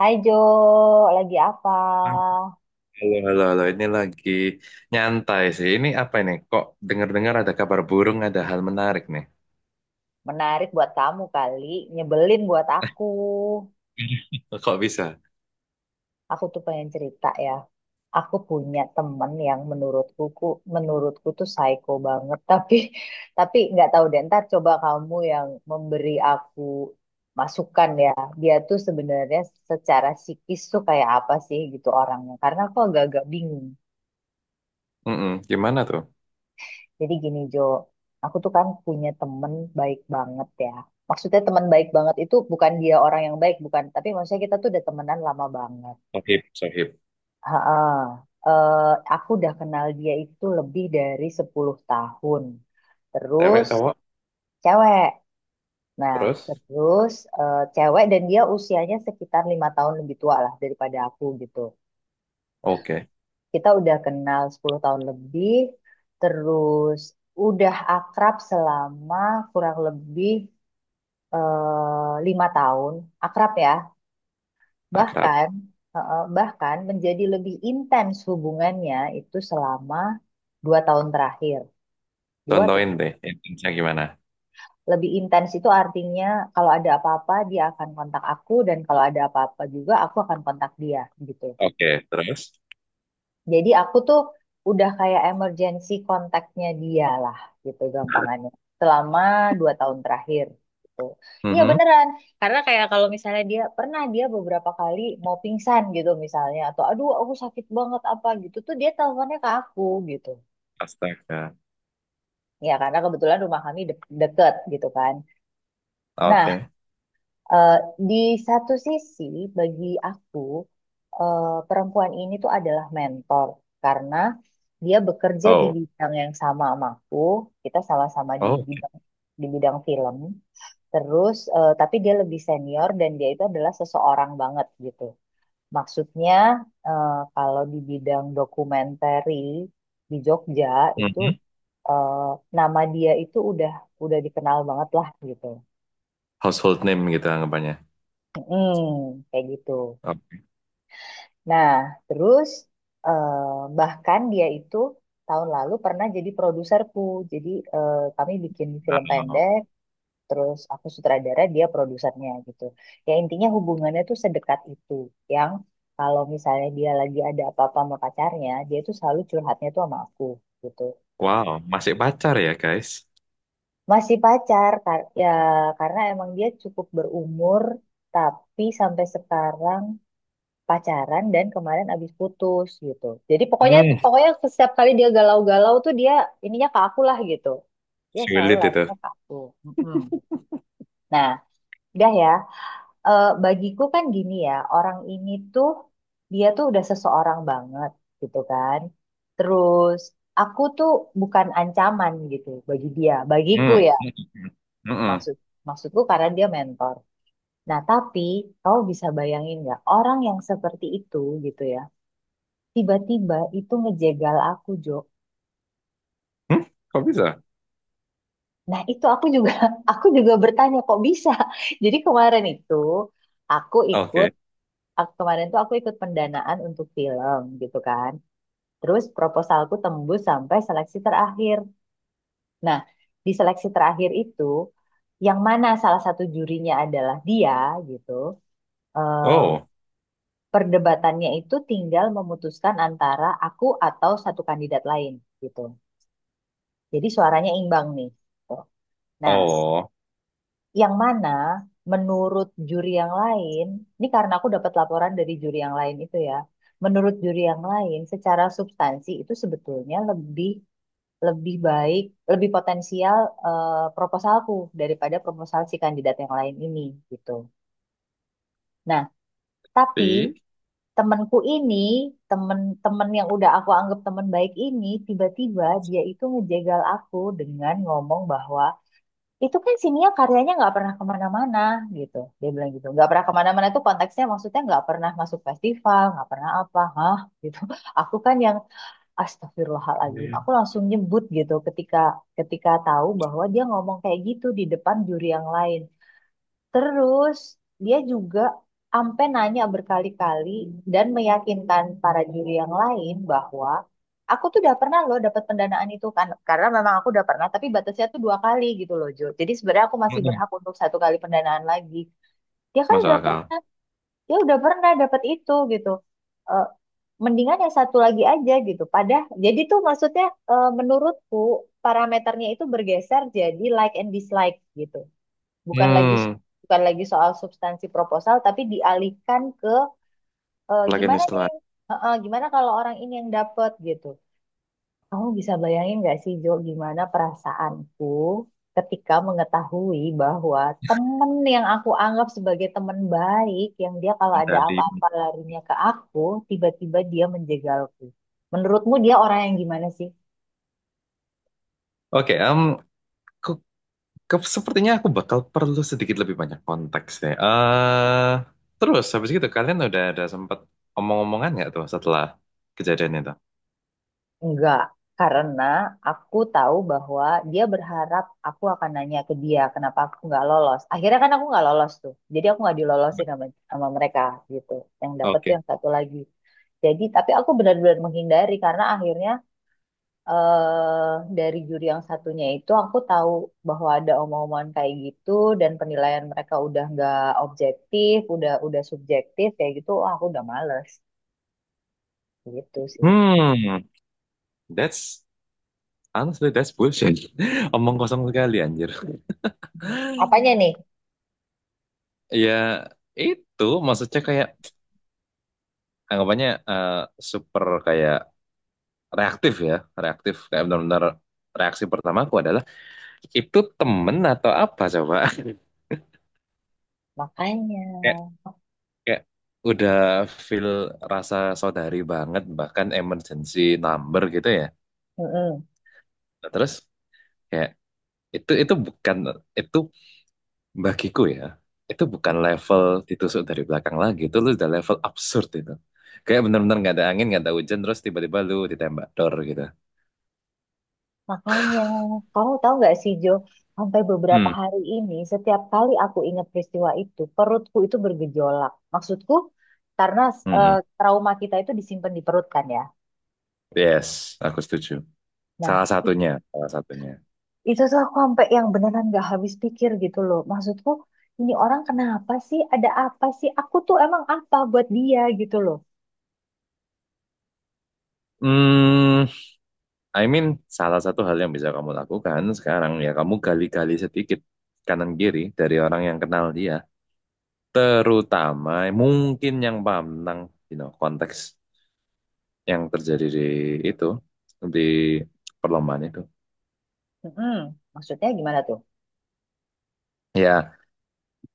Hai Jo, lagi apa? Halo, halo, halo. Ini lagi nyantai sih. Ini apa ini? Kok dengar-dengar ada kabar burung, ada hal menarik nih. Menarik buat kamu kali, nyebelin buat aku. Kok bisa? Aku tuh pengen cerita ya. Aku punya temen yang menurutku tuh psycho banget, tapi nggak tahu deh. Ntar coba kamu yang memberi aku masukan ya. Dia tuh sebenarnya secara psikis tuh kayak apa sih gitu orangnya? Karena aku agak-agak bingung. Mm-mm. Gimana tuh? Jadi gini Jo, aku tuh kan punya temen baik banget ya. Maksudnya teman baik banget itu bukan dia orang yang baik, bukan. Tapi maksudnya kita tuh udah temenan lama banget. Sohib, sohib. Heeh. Eh, aku udah kenal dia itu lebih dari 10 tahun. Terus Cewek, cowok, cewek. Nah, terus? terus cewek, dan dia usianya sekitar 5 tahun lebih tua lah daripada aku gitu. Oke, Kita udah kenal 10 tahun lebih. Terus udah akrab selama kurang lebih 5 tahun, akrab ya, akrab. bahkan bahkan menjadi lebih intens hubungannya itu selama 2 tahun terakhir. Dua te- Contohin deh, intinya gimana? Lebih intens itu artinya kalau ada apa-apa dia akan kontak aku, dan kalau ada apa-apa juga aku akan kontak dia gitu. Oke, terus? Jadi aku tuh udah kayak emergency kontaknya dia lah gitu gampangannya. Selama dua tahun terakhir gitu. Iya Mhm. beneran. Karena kayak kalau misalnya dia pernah, dia beberapa kali mau pingsan gitu misalnya, atau aduh aku sakit banget apa gitu tuh dia teleponnya ke aku gitu. Astaga. Ya karena kebetulan rumah kami deket gitu kan. Nah, Oke. Eh, di satu sisi, bagi aku, perempuan ini tuh adalah mentor karena dia bekerja di Oh, bidang yang sama sama aku. Kita sama-sama di oh. bidang di bidang film. Terus, tapi dia lebih senior dan dia itu adalah seseorang banget gitu. Maksudnya, kalau di bidang dokumentari di Jogja itu Mhm. eh, nama dia itu udah dikenal banget lah gitu. Household name gitu anggapannya. Mm, kayak gitu. Oke. Nah, terus eh, bahkan dia itu tahun lalu pernah jadi produserku. Jadi kami bikin film Wow. pendek, terus aku sutradara, dia produsernya gitu. Ya intinya hubungannya tuh sedekat itu. Yang kalau misalnya dia lagi ada apa-apa sama pacarnya, dia tuh selalu curhatnya tuh sama aku gitu. Wow, masih pacar ya, guys? Masih pacar ya karena emang dia cukup berumur, tapi sampai sekarang pacaran dan kemarin abis putus gitu. Jadi pokoknya Hmm, pokoknya setiap kali dia galau-galau tuh dia ininya ke aku lah gitu. Dia selalu sulit larinya itu. ke aku. Mm-mm. Nah, udah ya. Bagiku kan gini ya, orang ini tuh dia tuh udah seseorang banget gitu kan. Terus aku tuh bukan ancaman gitu bagi dia, bagiku Hmm. ya. Mm-mm. Maksud maksudku karena dia mentor. Nah, tapi kau bisa bayangin nggak orang yang seperti itu gitu ya, tiba-tiba itu ngejegal aku Jo. Hmm? Kok bisa? Nah itu aku juga aku juga bertanya kok bisa. Jadi aku ikut Oke. Kemarin tuh aku ikut pendanaan untuk film gitu kan. Terus proposalku tembus sampai seleksi terakhir. Nah, di seleksi terakhir itu yang mana salah satu jurinya adalah dia gitu. em, Oh, Perdebatannya itu tinggal memutuskan antara aku atau satu kandidat lain gitu. Jadi suaranya imbang nih gitu. Nah, oh, yang mana menurut juri yang lain, ini karena aku dapat laporan dari juri yang lain itu ya. Menurut juri yang lain, secara substansi itu sebetulnya lebih lebih baik, lebih potensial, proposalku daripada proposal si kandidat yang lain ini gitu. Nah, tapi pi- temanku ini, temen-temen yang udah aku anggap teman baik ini, tiba-tiba dia itu ngejegal aku dengan ngomong bahwa itu kan si Nia karyanya nggak pernah kemana-mana, gitu dia bilang. Gitu nggak pernah kemana-mana itu konteksnya maksudnya nggak pernah masuk festival, nggak pernah apa hah gitu. Aku kan yang astagfirullahaladzim, Mm-mm. aku langsung nyebut gitu ketika ketika tahu bahwa dia ngomong kayak gitu di depan juri yang lain. Terus dia juga ampe nanya berkali-kali dan meyakinkan para juri yang lain bahwa aku tuh udah pernah loh dapat pendanaan itu kan, karena memang aku udah pernah, tapi batasnya tuh 2 kali gitu loh Jo. Jadi sebenarnya aku masih berhak untuk satu kali pendanaan lagi. Dia kan Masuk udah akal. pernah, dia udah pernah dapat itu gitu. Eh, Mendingan yang satu lagi aja gitu. Padahal jadi tuh maksudnya, menurutku parameternya itu bergeser jadi like and dislike gitu, bukan lagi Hmm, bukan lagi soal substansi proposal tapi dialihkan ke, lagi nih gimana setelah nih. Heeh, gimana kalau orang ini yang dapat gitu. Kamu bisa bayangin nggak sih Jo gimana perasaanku ketika mengetahui bahwa temen yang aku anggap sebagai temen baik, yang dia kalau ada dari. apa-apa larinya ke aku, tiba-tiba dia menjegalku? Menurutmu dia orang yang gimana sih? Oke, ku- sepertinya aku bakal perlu sedikit lebih banyak konteks nih. Terus habis gitu kalian udah ada sempat omong-omongan nggak tuh setelah kejadian itu? Enggak, karena aku tahu bahwa dia berharap aku akan nanya ke dia kenapa aku nggak lolos. Akhirnya kan aku nggak lolos tuh, jadi aku nggak dilolosin sama mereka gitu. Yang dapet tuh Oke. yang satu lagi. Jadi tapi aku benar-benar menghindari karena akhirnya eh dari juri yang satunya itu aku tahu bahwa ada omongan kayak gitu, dan penilaian mereka udah nggak objektif, udah subjektif kayak gitu. Wah, aku udah males gitu sih. Hmm, that's honestly that's bullshit. Omong kosong sekali anjir. Apanya nih? Ya itu maksudnya kayak anggapannya super kayak reaktif ya, reaktif kayak benar-benar reaksi pertamaku adalah itu temen atau apa coba? Makanya. Kayak kayak udah feel rasa saudari banget bahkan emergency number gitu ya. Mm-mm. Nah, terus kayak itu bukan itu bagiku ya. Itu bukan level ditusuk dari belakang lagi, itu lu udah level absurd itu. Kayak benar-benar nggak ada angin, nggak ada hujan, terus tiba-tiba lu ditembak dor gitu. Makanya, kamu tahu nggak sih Jo, sampai beberapa Hmm. hari ini, setiap kali aku ingat peristiwa itu, perutku itu bergejolak. Maksudku, karena Mm-mm. trauma kita itu disimpan di perut kan ya. Yes, aku setuju. Salah Nah, i- satunya, salah satunya. itu tuh aku sampai yang beneran nggak habis pikir gitu loh. Maksudku, ini orang kenapa sih? Ada apa sih? Aku tuh emang apa buat dia gitu loh. Hmm, I mean, salah satu hal yang bisa kamu lakukan sekarang ya kamu gali-gali sedikit kanan kiri dari orang yang kenal dia, terutama mungkin yang paham tentang you know, konteks yang terjadi di itu di perlombaan itu. Mm-mm. Maksudnya gimana tuh? Ya,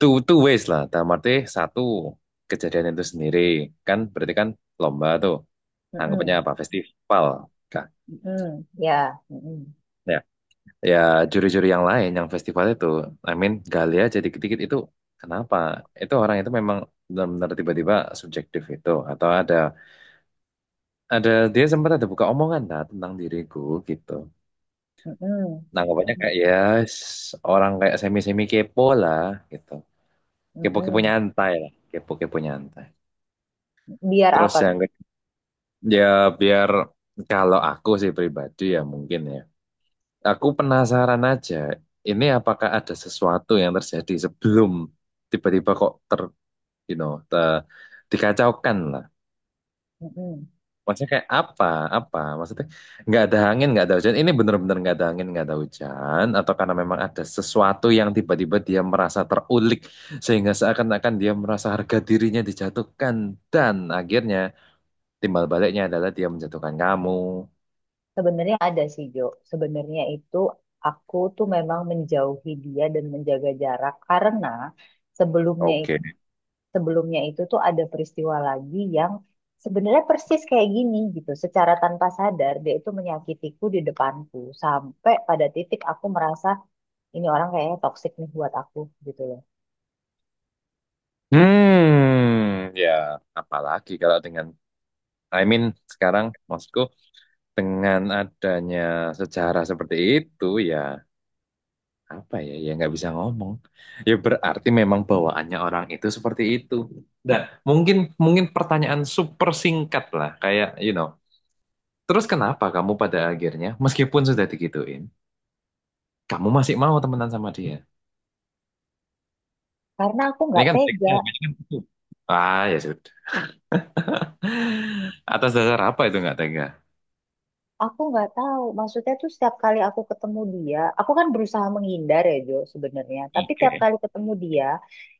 two ways lah. Dalam arti satu kejadian itu sendiri kan berarti kan lomba tuh anggapannya Mm-mm. apa festival kan? Mm-mm. Ya. Mm-mm. Ya, ya juri-juri yang lain yang festival itu I mean gali aja dikit-dikit itu kenapa itu orang itu memang benar-benar tiba-tiba subjektif itu atau ada dia sempat ada buka omongan lah tentang diriku gitu Mm-mm. nanggapannya Mm-mm. kayak ya orang kayak semi-semi kepo lah gitu kepo-kepo Mm-mm. nyantai lah kepo-kepo nyantai Biar terus apa? yang ya biar kalau aku sih pribadi ya mungkin ya aku penasaran aja, ini apakah ada sesuatu yang terjadi sebelum tiba-tiba kok ter, you know, te- dikacaukan lah. Mm-mm. Maksudnya kayak apa, apa? Maksudnya nggak ada angin, nggak ada hujan. Ini bener-bener nggak ada angin, nggak ada hujan, atau karena memang ada sesuatu yang tiba-tiba dia merasa terulik sehingga seakan-akan dia merasa harga dirinya dijatuhkan dan akhirnya timbal baliknya adalah dia menjatuhkan kamu. Sebenarnya ada sih Jo. Sebenarnya itu aku tuh memang menjauhi dia dan menjaga jarak karena sebelumnya i- Oke. sebelumnya itu tuh ada peristiwa lagi yang sebenarnya persis kayak gini gitu. Secara tanpa sadar dia itu menyakitiku di depanku sampai pada titik aku merasa ini orang kayaknya toksik nih buat aku gitu loh. Ya, apalagi kalau dengan I mean sekarang maksudku dengan adanya sejarah seperti itu, ya apa ya, ya nggak bisa ngomong ya berarti memang bawaannya orang itu seperti itu. Dan mungkin mungkin pertanyaan super singkat lah kayak you know, terus kenapa kamu pada akhirnya meskipun sudah digituin kamu masih mau temenan sama dia. Karena aku Ini nggak kan tega. triknya habis kan itu, ah ya sudah. Atas dasar apa itu nggak tega? Aku nggak tahu, maksudnya tuh setiap kali aku ketemu dia, aku kan berusaha menghindar ya Jo sebenarnya. Tapi tiap Oke, kali ketemu dia,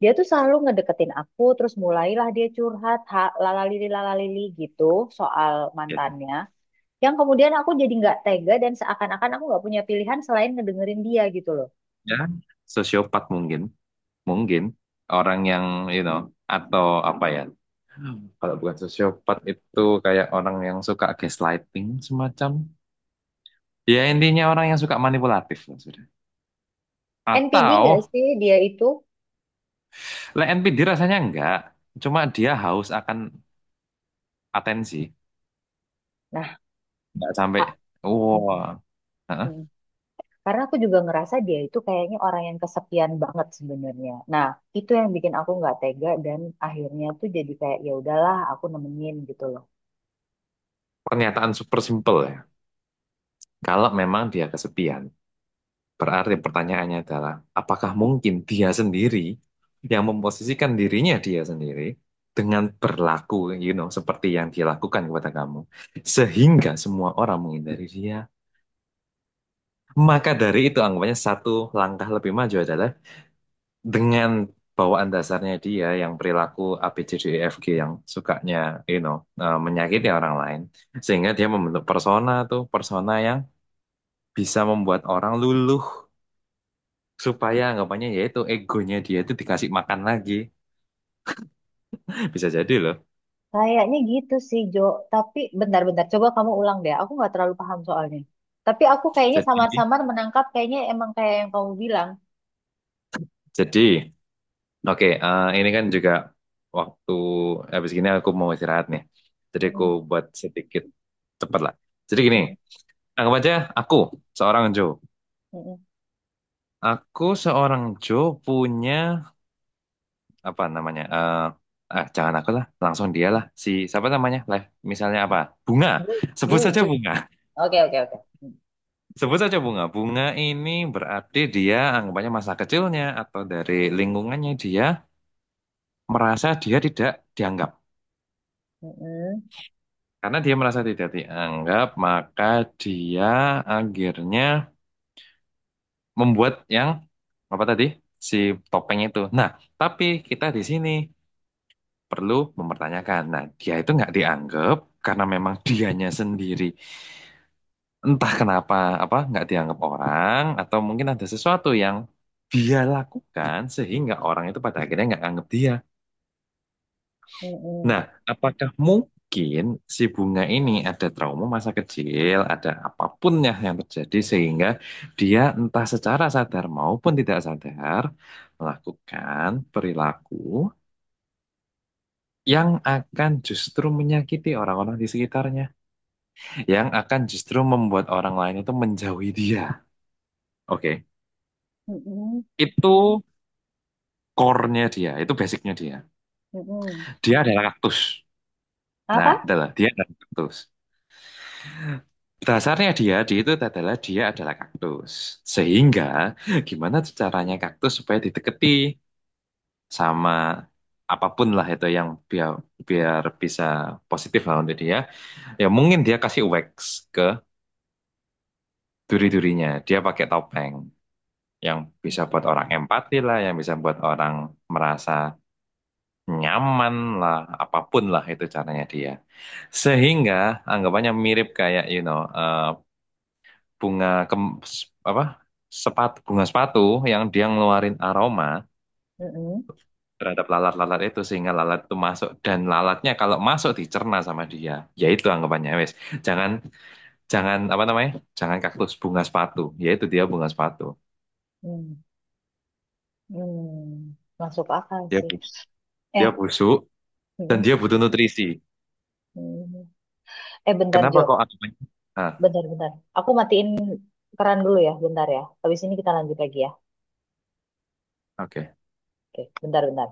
dia tuh selalu ngedeketin aku, terus mulailah dia curhat, ha, lalalili lalalili gitu soal ya, mantannya. Yang kemudian aku jadi nggak tega dan seakan-akan aku nggak punya pilihan selain ngedengerin dia gitu loh. ya, sosiopat mungkin, mungkin orang yang you know, atau apa ya, kalau bukan sosiopat itu kayak orang yang suka gaslighting, semacam ya intinya orang yang suka manipulatif lah sudah. NPD Atau nggak sih dia itu? like NPD? Rasanya enggak, cuma dia haus akan atensi, Nah, enggak sampai wah. Hah? a- karena aku juga ngerasa dia itu kayaknya orang yang kesepian banget sebenarnya. Nah, itu yang bikin aku nggak tega dan akhirnya tuh jadi kayak ya udahlah aku nemenin gitu loh. Pernyataan super simple ya, kalau memang dia kesepian, berarti pertanyaannya adalah, apakah mungkin dia sendiri yang memposisikan dirinya dia sendiri dengan berlaku, seperti yang dia lakukan kepada kamu, sehingga semua orang menghindari dia. Maka dari itu anggapannya satu langkah lebih maju adalah dengan bawaan dasarnya dia, yang perilaku ABCDEFG, yang sukanya, you know, menyakiti orang lain, sehingga dia membentuk persona tuh, persona yang bisa membuat orang luluh, supaya anggapannya yaitu egonya dia itu dikasih makan lagi. Bisa jadi loh. Kayaknya gitu sih Jo. Tapi bentar-bentar coba kamu ulang deh. Aku nggak terlalu paham soalnya. Tapi aku kayaknya jadi samar-samar menangkap kayaknya emang kayak yang kamu bilang. jadi oke, ini kan juga waktu habis gini aku mau istirahat nih, jadi aku Mm-mm, buat sedikit cepat lah. Jadi gini, mm-mm, anggap aja aku seorang Joe mm-mm. aku seorang Joe punya apa namanya, ah jangan aku lah, langsung dia lah, si siapa namanya lah, misalnya apa, bunga, Dui, sebut dui, saja dui. bunga. Oke oke oke. Sebut saja bunga. Bunga ini berarti dia anggapannya masa kecilnya atau dari lingkungannya dia merasa dia tidak dianggap. Mm-mm, Karena dia merasa tidak dianggap, maka dia akhirnya membuat yang apa tadi? Si topeng itu. Nah, tapi kita di sini perlu mempertanyakan. Nah, dia itu nggak dianggap karena memang dianya sendiri entah kenapa, apa nggak dianggap orang atau mungkin ada sesuatu yang dia lakukan sehingga orang itu pada akhirnya nggak anggap dia. mm-mm, Nah, apakah mungkin si bunga ini ada trauma masa kecil, ada apapun ya yang terjadi sehingga dia entah secara sadar maupun tidak sadar melakukan perilaku yang akan justru menyakiti orang-orang di sekitarnya, yang akan justru membuat orang lain itu menjauhi dia. Oke, mm-mm, itu core-nya dia, itu basicnya dia. mm-mm. Dia adalah kaktus. Nah, Apa? Dia adalah kaktus. Dasarnya dia, itu adalah kaktus. Sehingga gimana caranya kaktus supaya dideketi sama apapun lah, itu yang biar biar bisa positif lah untuk dia. Ya mungkin dia kasih wax ke duri-durinya. Dia pakai topeng yang bisa buat orang empati lah, yang bisa buat orang merasa nyaman lah, apapun lah itu caranya dia. Sehingga anggapannya mirip kayak bunga s- apa, sepatu, bunga sepatu yang dia ngeluarin aroma Mm-mm, terhadap lalat-lalat itu sehingga lalat itu masuk, dan lalatnya kalau masuk dicerna sama dia. Yaitu anggapannya wes, jangan, jangan apa namanya, jangan kaktus, bunga sepatu, yaitu dia bunga sepatu, mm-mm. Masuk akal dia sih. bu- dia Eh, busuk dan mm, dia butuh nutrisi. mm. Eh, bentar Kenapa Jo, kok anggapannya ah bentar, bentar. Aku matiin keran dulu ya, bentar ya. Habis ini kita lanjut lagi ya. oke Oke, bentar, bentar.